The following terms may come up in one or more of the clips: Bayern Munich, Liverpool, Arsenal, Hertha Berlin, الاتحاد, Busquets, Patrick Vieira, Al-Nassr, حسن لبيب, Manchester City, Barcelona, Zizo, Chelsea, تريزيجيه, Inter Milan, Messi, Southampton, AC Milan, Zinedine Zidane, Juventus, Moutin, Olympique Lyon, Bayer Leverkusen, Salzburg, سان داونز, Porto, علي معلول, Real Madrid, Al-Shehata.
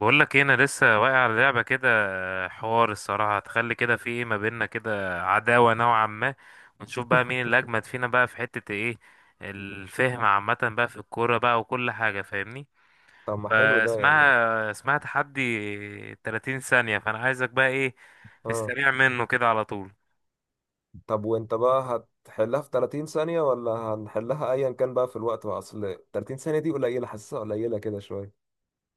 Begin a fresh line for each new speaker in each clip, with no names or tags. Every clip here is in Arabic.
بقول لك ايه، انا لسه واقع على لعبه كده. حوار الصراحه هتخلي كده في ايه ما بيننا، كده عداوه نوعا ما. ونشوف بقى مين اللي اجمد فينا بقى في حته ايه، الفهم عامه بقى في الكوره بقى وكل حاجه، فاهمني؟
طب ما حلو ده يعني.
اسمها تحدي 30 ثانيه، فانا عايزك بقى ايه، في
اه،
السريع منه كده على طول.
طب وانت بقى هتحلها في 30 ثانية ولا هنحلها ايا كان بقى في الوقت بقى؟ اصل 30 ثانية دي قليلة، حاسسها قليلة كده شوية.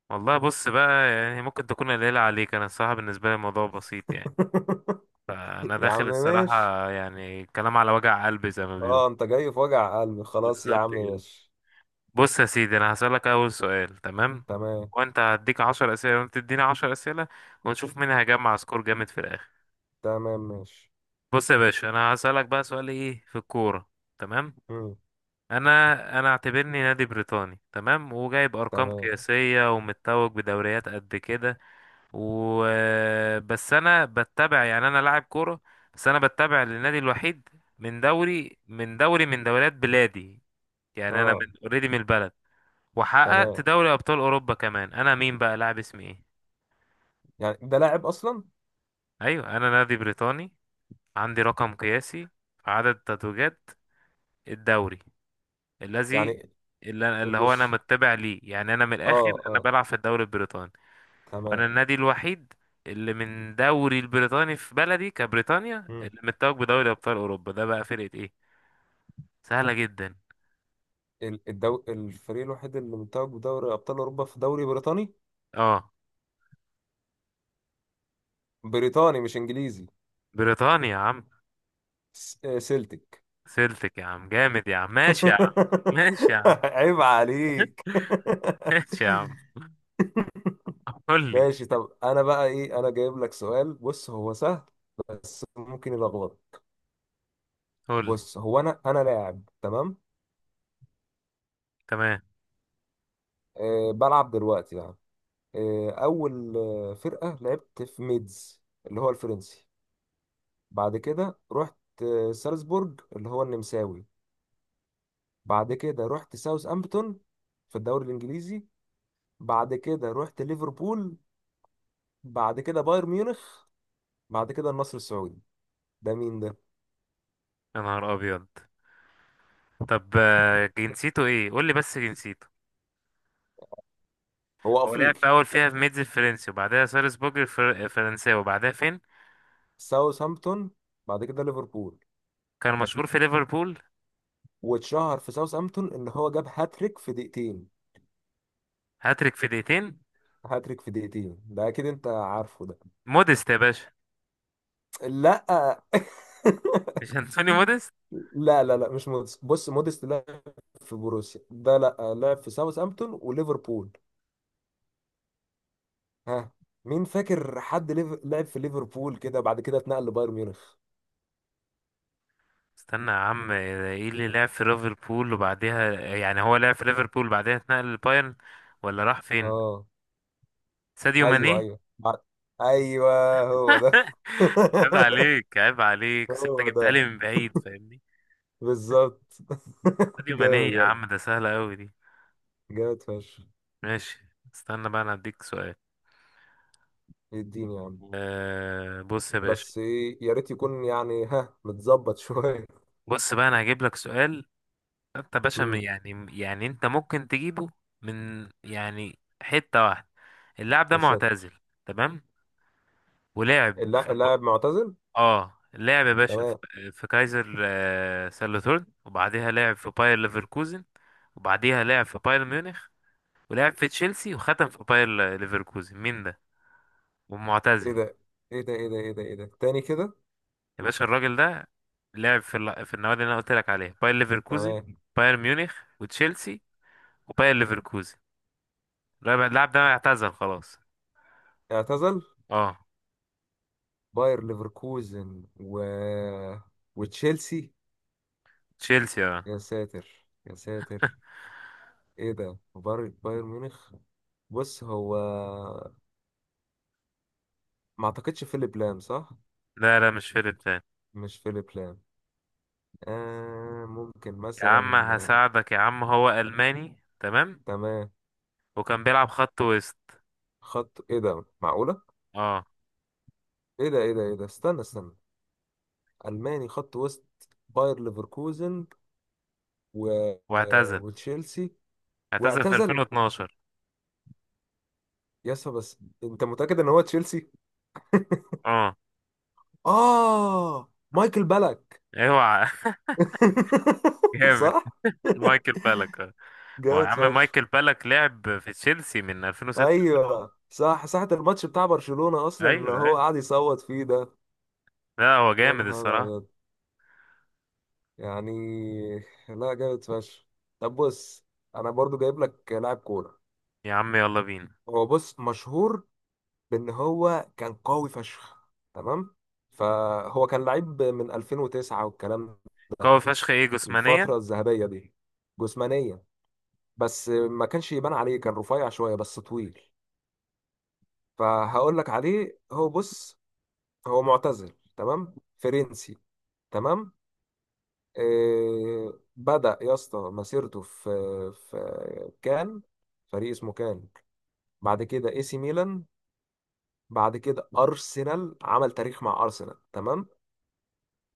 والله بص بقى، يعني ممكن تكون قليله عليك، انا الصراحه بالنسبه لي الموضوع بسيط يعني. فانا
يا عم
داخل
ماشي.
الصراحه يعني كلام على وجع قلبي زي ما بيقولوا.
اه، انت جاي في وجع قلبي؟ خلاص يا
بالظبط
عم
كده.
ماشي.
بص يا سيدي، انا هسألك اول سؤال، تمام.
تمام.
وانت هديك 10 اسئله وانت تديني 10 اسئله، ونشوف مين هيجمع سكور جامد في الاخر.
تمام ماشي.
بص يا باشا، انا هسألك بقى سؤال ايه، في الكوره. تمام.
مم.
انا انا اعتبرني نادي بريطاني، تمام، وجايب ارقام
تمام.
قياسيه ومتوج بدوريات قد كده. و بس انا بتبع، يعني انا لاعب كوره بس انا بتبع للنادي الوحيد من دوريات بلادي. يعني انا من
اه
اوريدي، من البلد، وحققت
تمام،
دوري ابطال اوروبا كمان. انا مين بقى، لاعب اسمي ايه؟
يعني ده لاعب اصلا؟
ايوه انا نادي بريطاني، عندي رقم قياسي في عدد تتويجات الدوري الذي
يعني
اللي هو انا
بص.
متبع ليه. يعني انا من الاخر
اه
انا
اه
بلعب في الدوري البريطاني،
تمام.
وانا النادي الوحيد اللي من دوري البريطاني في بلدي كبريطانيا
مم.
اللي متوج بدوري ابطال اوروبا. ده بقى فرقة ايه؟ سهلة جدا.
الفريق الوحيد اللي متوج بدوري ابطال اوروبا في دوري بريطاني.
اه،
بريطاني مش انجليزي.
بريطانيا يا عم.
سلتك.
سلتك يا عم، جامد يا عم، ماشي يا عم. ماشي يا عم.
عيب عليك.
ماشي يا عم. قول لي.
ماشي. طب انا بقى ايه؟ انا جايب لك سؤال، بص هو سهل بس ممكن يلخبطك.
قول لي.
بص هو انا لاعب، تمام؟
تمام.
بلعب دلوقتي يعني. اول فرقة لعبت في ميدز، اللي هو الفرنسي. بعد كده رحت سالزبورج، اللي هو النمساوي. بعد كده رحت ساوث امبتون في الدوري الانجليزي. بعد كده رحت ليفربول. بعد كده بايرن ميونخ. بعد كده النصر السعودي. ده مين ده؟
يا نهار ابيض. طب جنسيته ايه قول لي، بس جنسيته.
هو
هو لعب
افريقي.
في اول فيها في ميدز الفرنسي وبعدها سالزبورج الفرنساوي، وبعدها فين؟
ساوثهامبتون بعد كده ليفربول.
كان مشهور في ليفربول.
واتشهر في ساوثهامبتون ان هو جاب هاتريك في دقيقتين.
هاتريك في دقيقتين.
هاتريك في دقيقتين، ده اكيد انت عارفه ده.
موديست يا باشا.
لا.
مش انتوني موديست.
لا لا لا، مش موديست. بص موديست لعب في بوروسيا ده، لا لعب في ساوثهامبتون وليفربول. ها. مين فاكر حد لعب في ليفربول كده، بعد كده اتنقل لبايرن ميونخ؟
استنى يا عم، ايه اللي لعب في ليفربول وبعدها، يعني هو لعب في ليفربول وبعدها اتنقل للبايرن ولا راح فين؟
اه.
ساديو ماني.
ايوه ايوه ايوه هو ده.
عيب عليك، عيب عليك، بس انت
هو ده
جبتها لي من بعيد، فاهمني.
بالظبط.
ساديو ماني
جامد،
يا
يلا.
عم، ده سهله قوي دي.
جامد فشخ.
ماشي. استنى بقى، انا هديك سؤال.
يديني يا عم.
أه، بص يا باشا.
بس ايه، يا ريت يكون يعني ها متظبط شويه.
بص بقى، انا هجيب لك سؤال. انت يا باشا
امم
يعني انت ممكن تجيبه من يعني حتة واحدة. اللاعب ده
يا
معتزل،
ساتر.
تمام. ولعب في ب-
اللاعب معتزل،
اه، لعب يا باشا
تمام؟
في كايزر سالوتورن، وبعديها لعب في باير ليفركوزن، وبعديها لعب في بايرن ميونخ، ولعب في تشيلسي وختم في باير ليفركوزن. مين ده؟
ايه
ومعتزل.
ده؟ ايه ده ايه ده ايه ده ايه ده تاني كده؟
يا باشا الراجل ده لعب في في النوادي اللي انا قلت لك عليها، باير ليفركوزن،
تمام.
باير ميونخ، وتشيلسي، وباير ليفركوزن. اللاعب ده اعتزل خلاص.
اعتزل.
اه.
باير ليفركوزن و وتشيلسي.
تشيلسي اه.
يا ساتر يا ساتر. ايه ده؟ بايرن ميونخ. بص هو، ما اعتقدش فيليب لام صح؟
لا لا، مش فيرب تاني.
مش فيليب لام. آه، ممكن
يا عم
مثلا
هساعدك يا عم، هو ألماني، تمام،
تمام.
وكان بيلعب خط وسط.
خط ايه ده؟ معقولة؟
اه.
ايه ده ايه ده ايه ده، استنى استنى. ألماني خط وسط، باير ليفركوزن و... آه،
واعتزل.
وتشيلسي.
اعتزل في
واعتزل.
2012.
يس بس. انت متأكد ان هو تشيلسي؟
اه.
اه، مايكل بالك.
اوعى. جامد.
صح.
مايكل بالك. اه. ما هو يا
جامد
عم
فشخ.
مايكل بالك لعب في تشيلسي من 2006.
ايوه صح، ساعة الماتش بتاع برشلونة اصلا اللي
ايوه
هو
ايوه،
قاعد يصوت فيه ده.
لا هو
يا
جامد
نهار
الصراحة.
أبيض. يعني، لا جامد فشخ. طب بص، انا برضو جايب لك لاعب كوره.
يا عم يلا بينا.
هو بص مشهور بان هو كان قوي فشخ، تمام؟ فهو كان لعيب من 2009 والكلام. ده
قوي فشخ ايه جسمانيا؟
الفتره الذهبيه دي جسمانيا، بس ما كانش يبان عليه، كان رفيع شويه بس طويل. فهقول لك عليه. هو بص، هو معتزل، تمام؟ فرنسي، تمام؟ إيه، بدأ يا اسطى مسيرته في كان، فريق اسمه كان. بعد كده اي سي ميلان. بعد كده ارسنال، عمل تاريخ مع ارسنال، تمام؟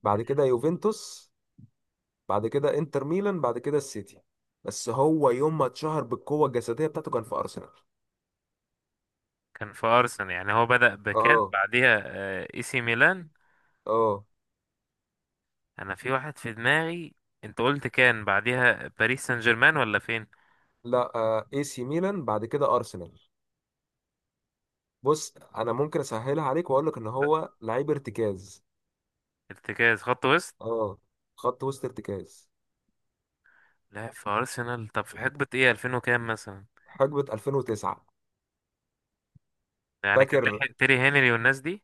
بعد كده يوفنتوس. بعد كده انتر ميلان، بعد كده السيتي. بس هو يوم ما اتشهر بالقوة الجسدية بتاعته كان في ارسنال.
كان في ارسنال. يعني هو بدأ بكان،
اه
بعديها اي سي ميلان.
اه
انا في واحد في دماغي. انت قلت كان بعديها باريس سان جيرمان ولا فين؟
لا، اي سي ميلان بعد كده ارسنال. بص انا ممكن اسهلها عليك واقول لك ان هو لعيب ارتكاز.
ارتكاز خط وسط.
اه، خط وسط ارتكاز.
لعب في ارسنال، طب في حقبة ايه، 2000 وكام مثلا؟
حقبة 2009.
يعني كان
فاكر
لحق تيري هنري والناس دي.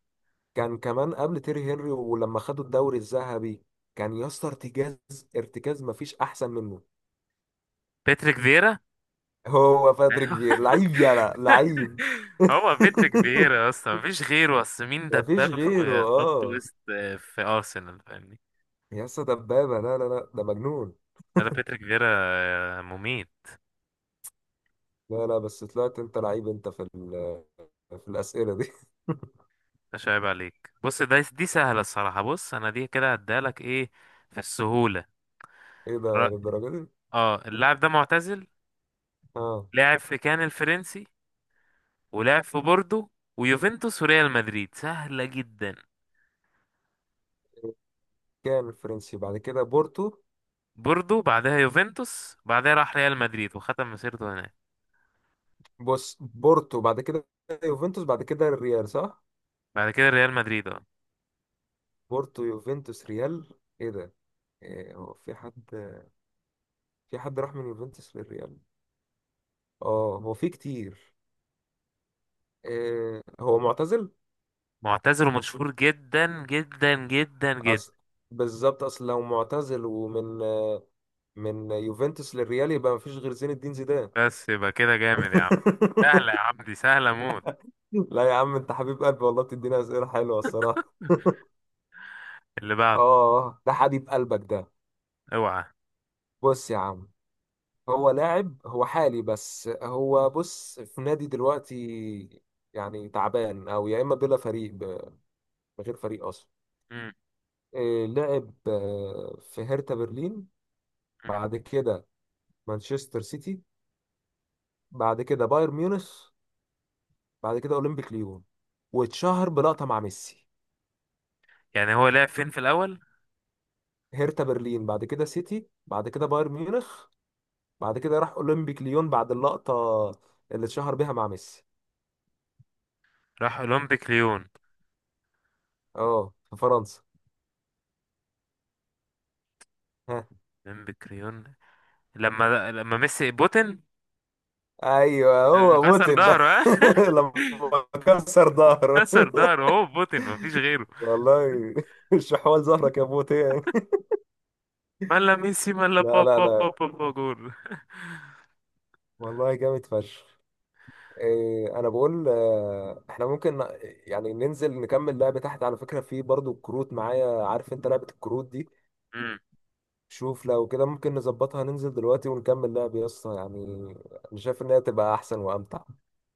كان كمان قبل تيري هنري ولما خدوا الدوري الذهبي. كان يا اسطى ارتكاز، ارتكاز مفيش احسن منه.
باتريك فييرا.
هو باتريك فير لعيب، يلا لعيب.
هو باتريك فييرا اصلا مفيش غيره، اصل مين
مفيش
دبابة
غيره
في خط
اه.
وسط في ارسنال، فاهمني.
يا اسطى دبابه، لا لا لا ده مجنون.
لا لا، باتريك فييرا مميت.
لا لا، بس طلعت انت لعيب انت في في الاسئله دي.
مش عيب عليك، بص دي سهلة الصراحة. بص، أنا دي كده هديها لك إيه، في السهولة.
ايه ده
ر-
للدرجه دي؟
اه اللاعب ده معتزل.
اه،
لاعب في كان الفرنسي، ولاعب في بوردو ويوفنتوس وريال مدريد. سهلة جدا.
كان الفرنسي بعد كده بورتو.
بوردو، بعدها يوفنتوس، بعدها راح ريال مدريد وختم مسيرته هناك.
بص بورتو بعد كده يوفنتوس بعد كده الريال، صح؟
بعد كده ريال مدريد، اه.
بورتو يوفنتوس ريال. ايه ده؟ هو في حد، في حد راح من يوفنتوس للريال؟ اه هو في كتير. هو معتزل.
معتزل ومشهور جدا جدا جدا جدا.
اصل، بالظبط، اصل لو معتزل ومن يوفنتوس للريال، يبقى مفيش غير زين الدين زيدان.
بس يبقى كده جامد يا عم. سهلة يا عم، دي سهلة موت.
لا يا عم انت حبيب قلبي والله، بتدينا اسئله حلوه الصراحه.
اللي بعده.
اه ده حبيب قلبك ده.
اوعى.
بص يا عم، هو لاعب، هو حالي بس هو بص في نادي دلوقتي يعني تعبان، او يا اما بلا فريق من غير فريق اصلا.
مم.
لعب في هرتا برلين. بعد كده مانشستر سيتي. بعد كده بايرن ميونخ. بعد كده اولمبيك ليون. واتشهر بلقطة مع ميسي.
يعني هو لعب فين في الأول؟
هرتا برلين بعد كده سيتي بعد كده بايرن ميونخ، بعد كده راح اولمبيك ليون بعد اللقطة اللي اتشهر بيها مع ميسي.
راح أولمبيك ليون.
اه في فرنسا. ها.
بن بكريون. لما ميسي بوتن.
ايوه
لما
هو
كسر
موتن ده.
ظهره، ها.
لما كسر ظهره.
كسر ظهره، هو بوتن مفيش غيره.
والله. الشحوال ظهرك يا موتين.
ملا ميسي ملا
لا لا
بابا
لا،
بابا بابا جول.
والله جامد فشخ. إيه، انا بقول احنا ممكن يعني ننزل نكمل لعبة تحت، على فكرة في برضو الكروت معايا، عارف انت لعبة الكروت دي.
مم.
شوف لو كده ممكن نظبطها، ننزل دلوقتي ونكمل لعب يا اسطى يعني. انا شايف ان هي تبقى احسن وامتع.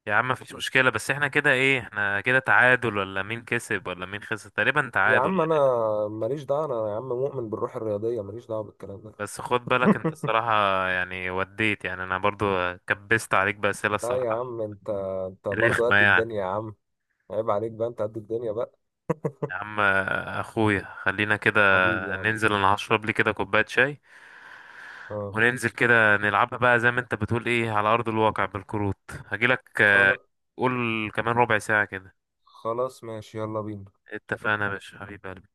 يا عم مفيش مشكلة، بس احنا كده ايه، احنا كده تعادل ولا مين كسب ولا مين خسر؟ تقريبا
يا
تعادل
عم انا،
يعني.
ماليش دعوة، انا يا عم مؤمن بالروح الرياضية، ماليش دعوة بالكلام ده.
بس خد بالك انت الصراحة يعني، وديت يعني انا برضو كبست عليك بأسئلة
لا يا
الصراحة.
عم انت، انت برضو
رخمة
قد الدنيا يا
يعني.
عم. عيب عليك بقى، انت قد الدنيا بقى.
يا عم اخويا، خلينا كده
حبيبي يا عم.
ننزل، انا هشرب لي كده كوباية شاي
اه
وننزل كده نلعبها بقى زي ما انت بتقول ايه، على ارض الواقع، بالكروت. هجيلك
خلاص.
قول، كمان ربع ساعة كده.
خلاص ماشي، يلا بينا.
اتفقنا يا باشا حبيب قلبي.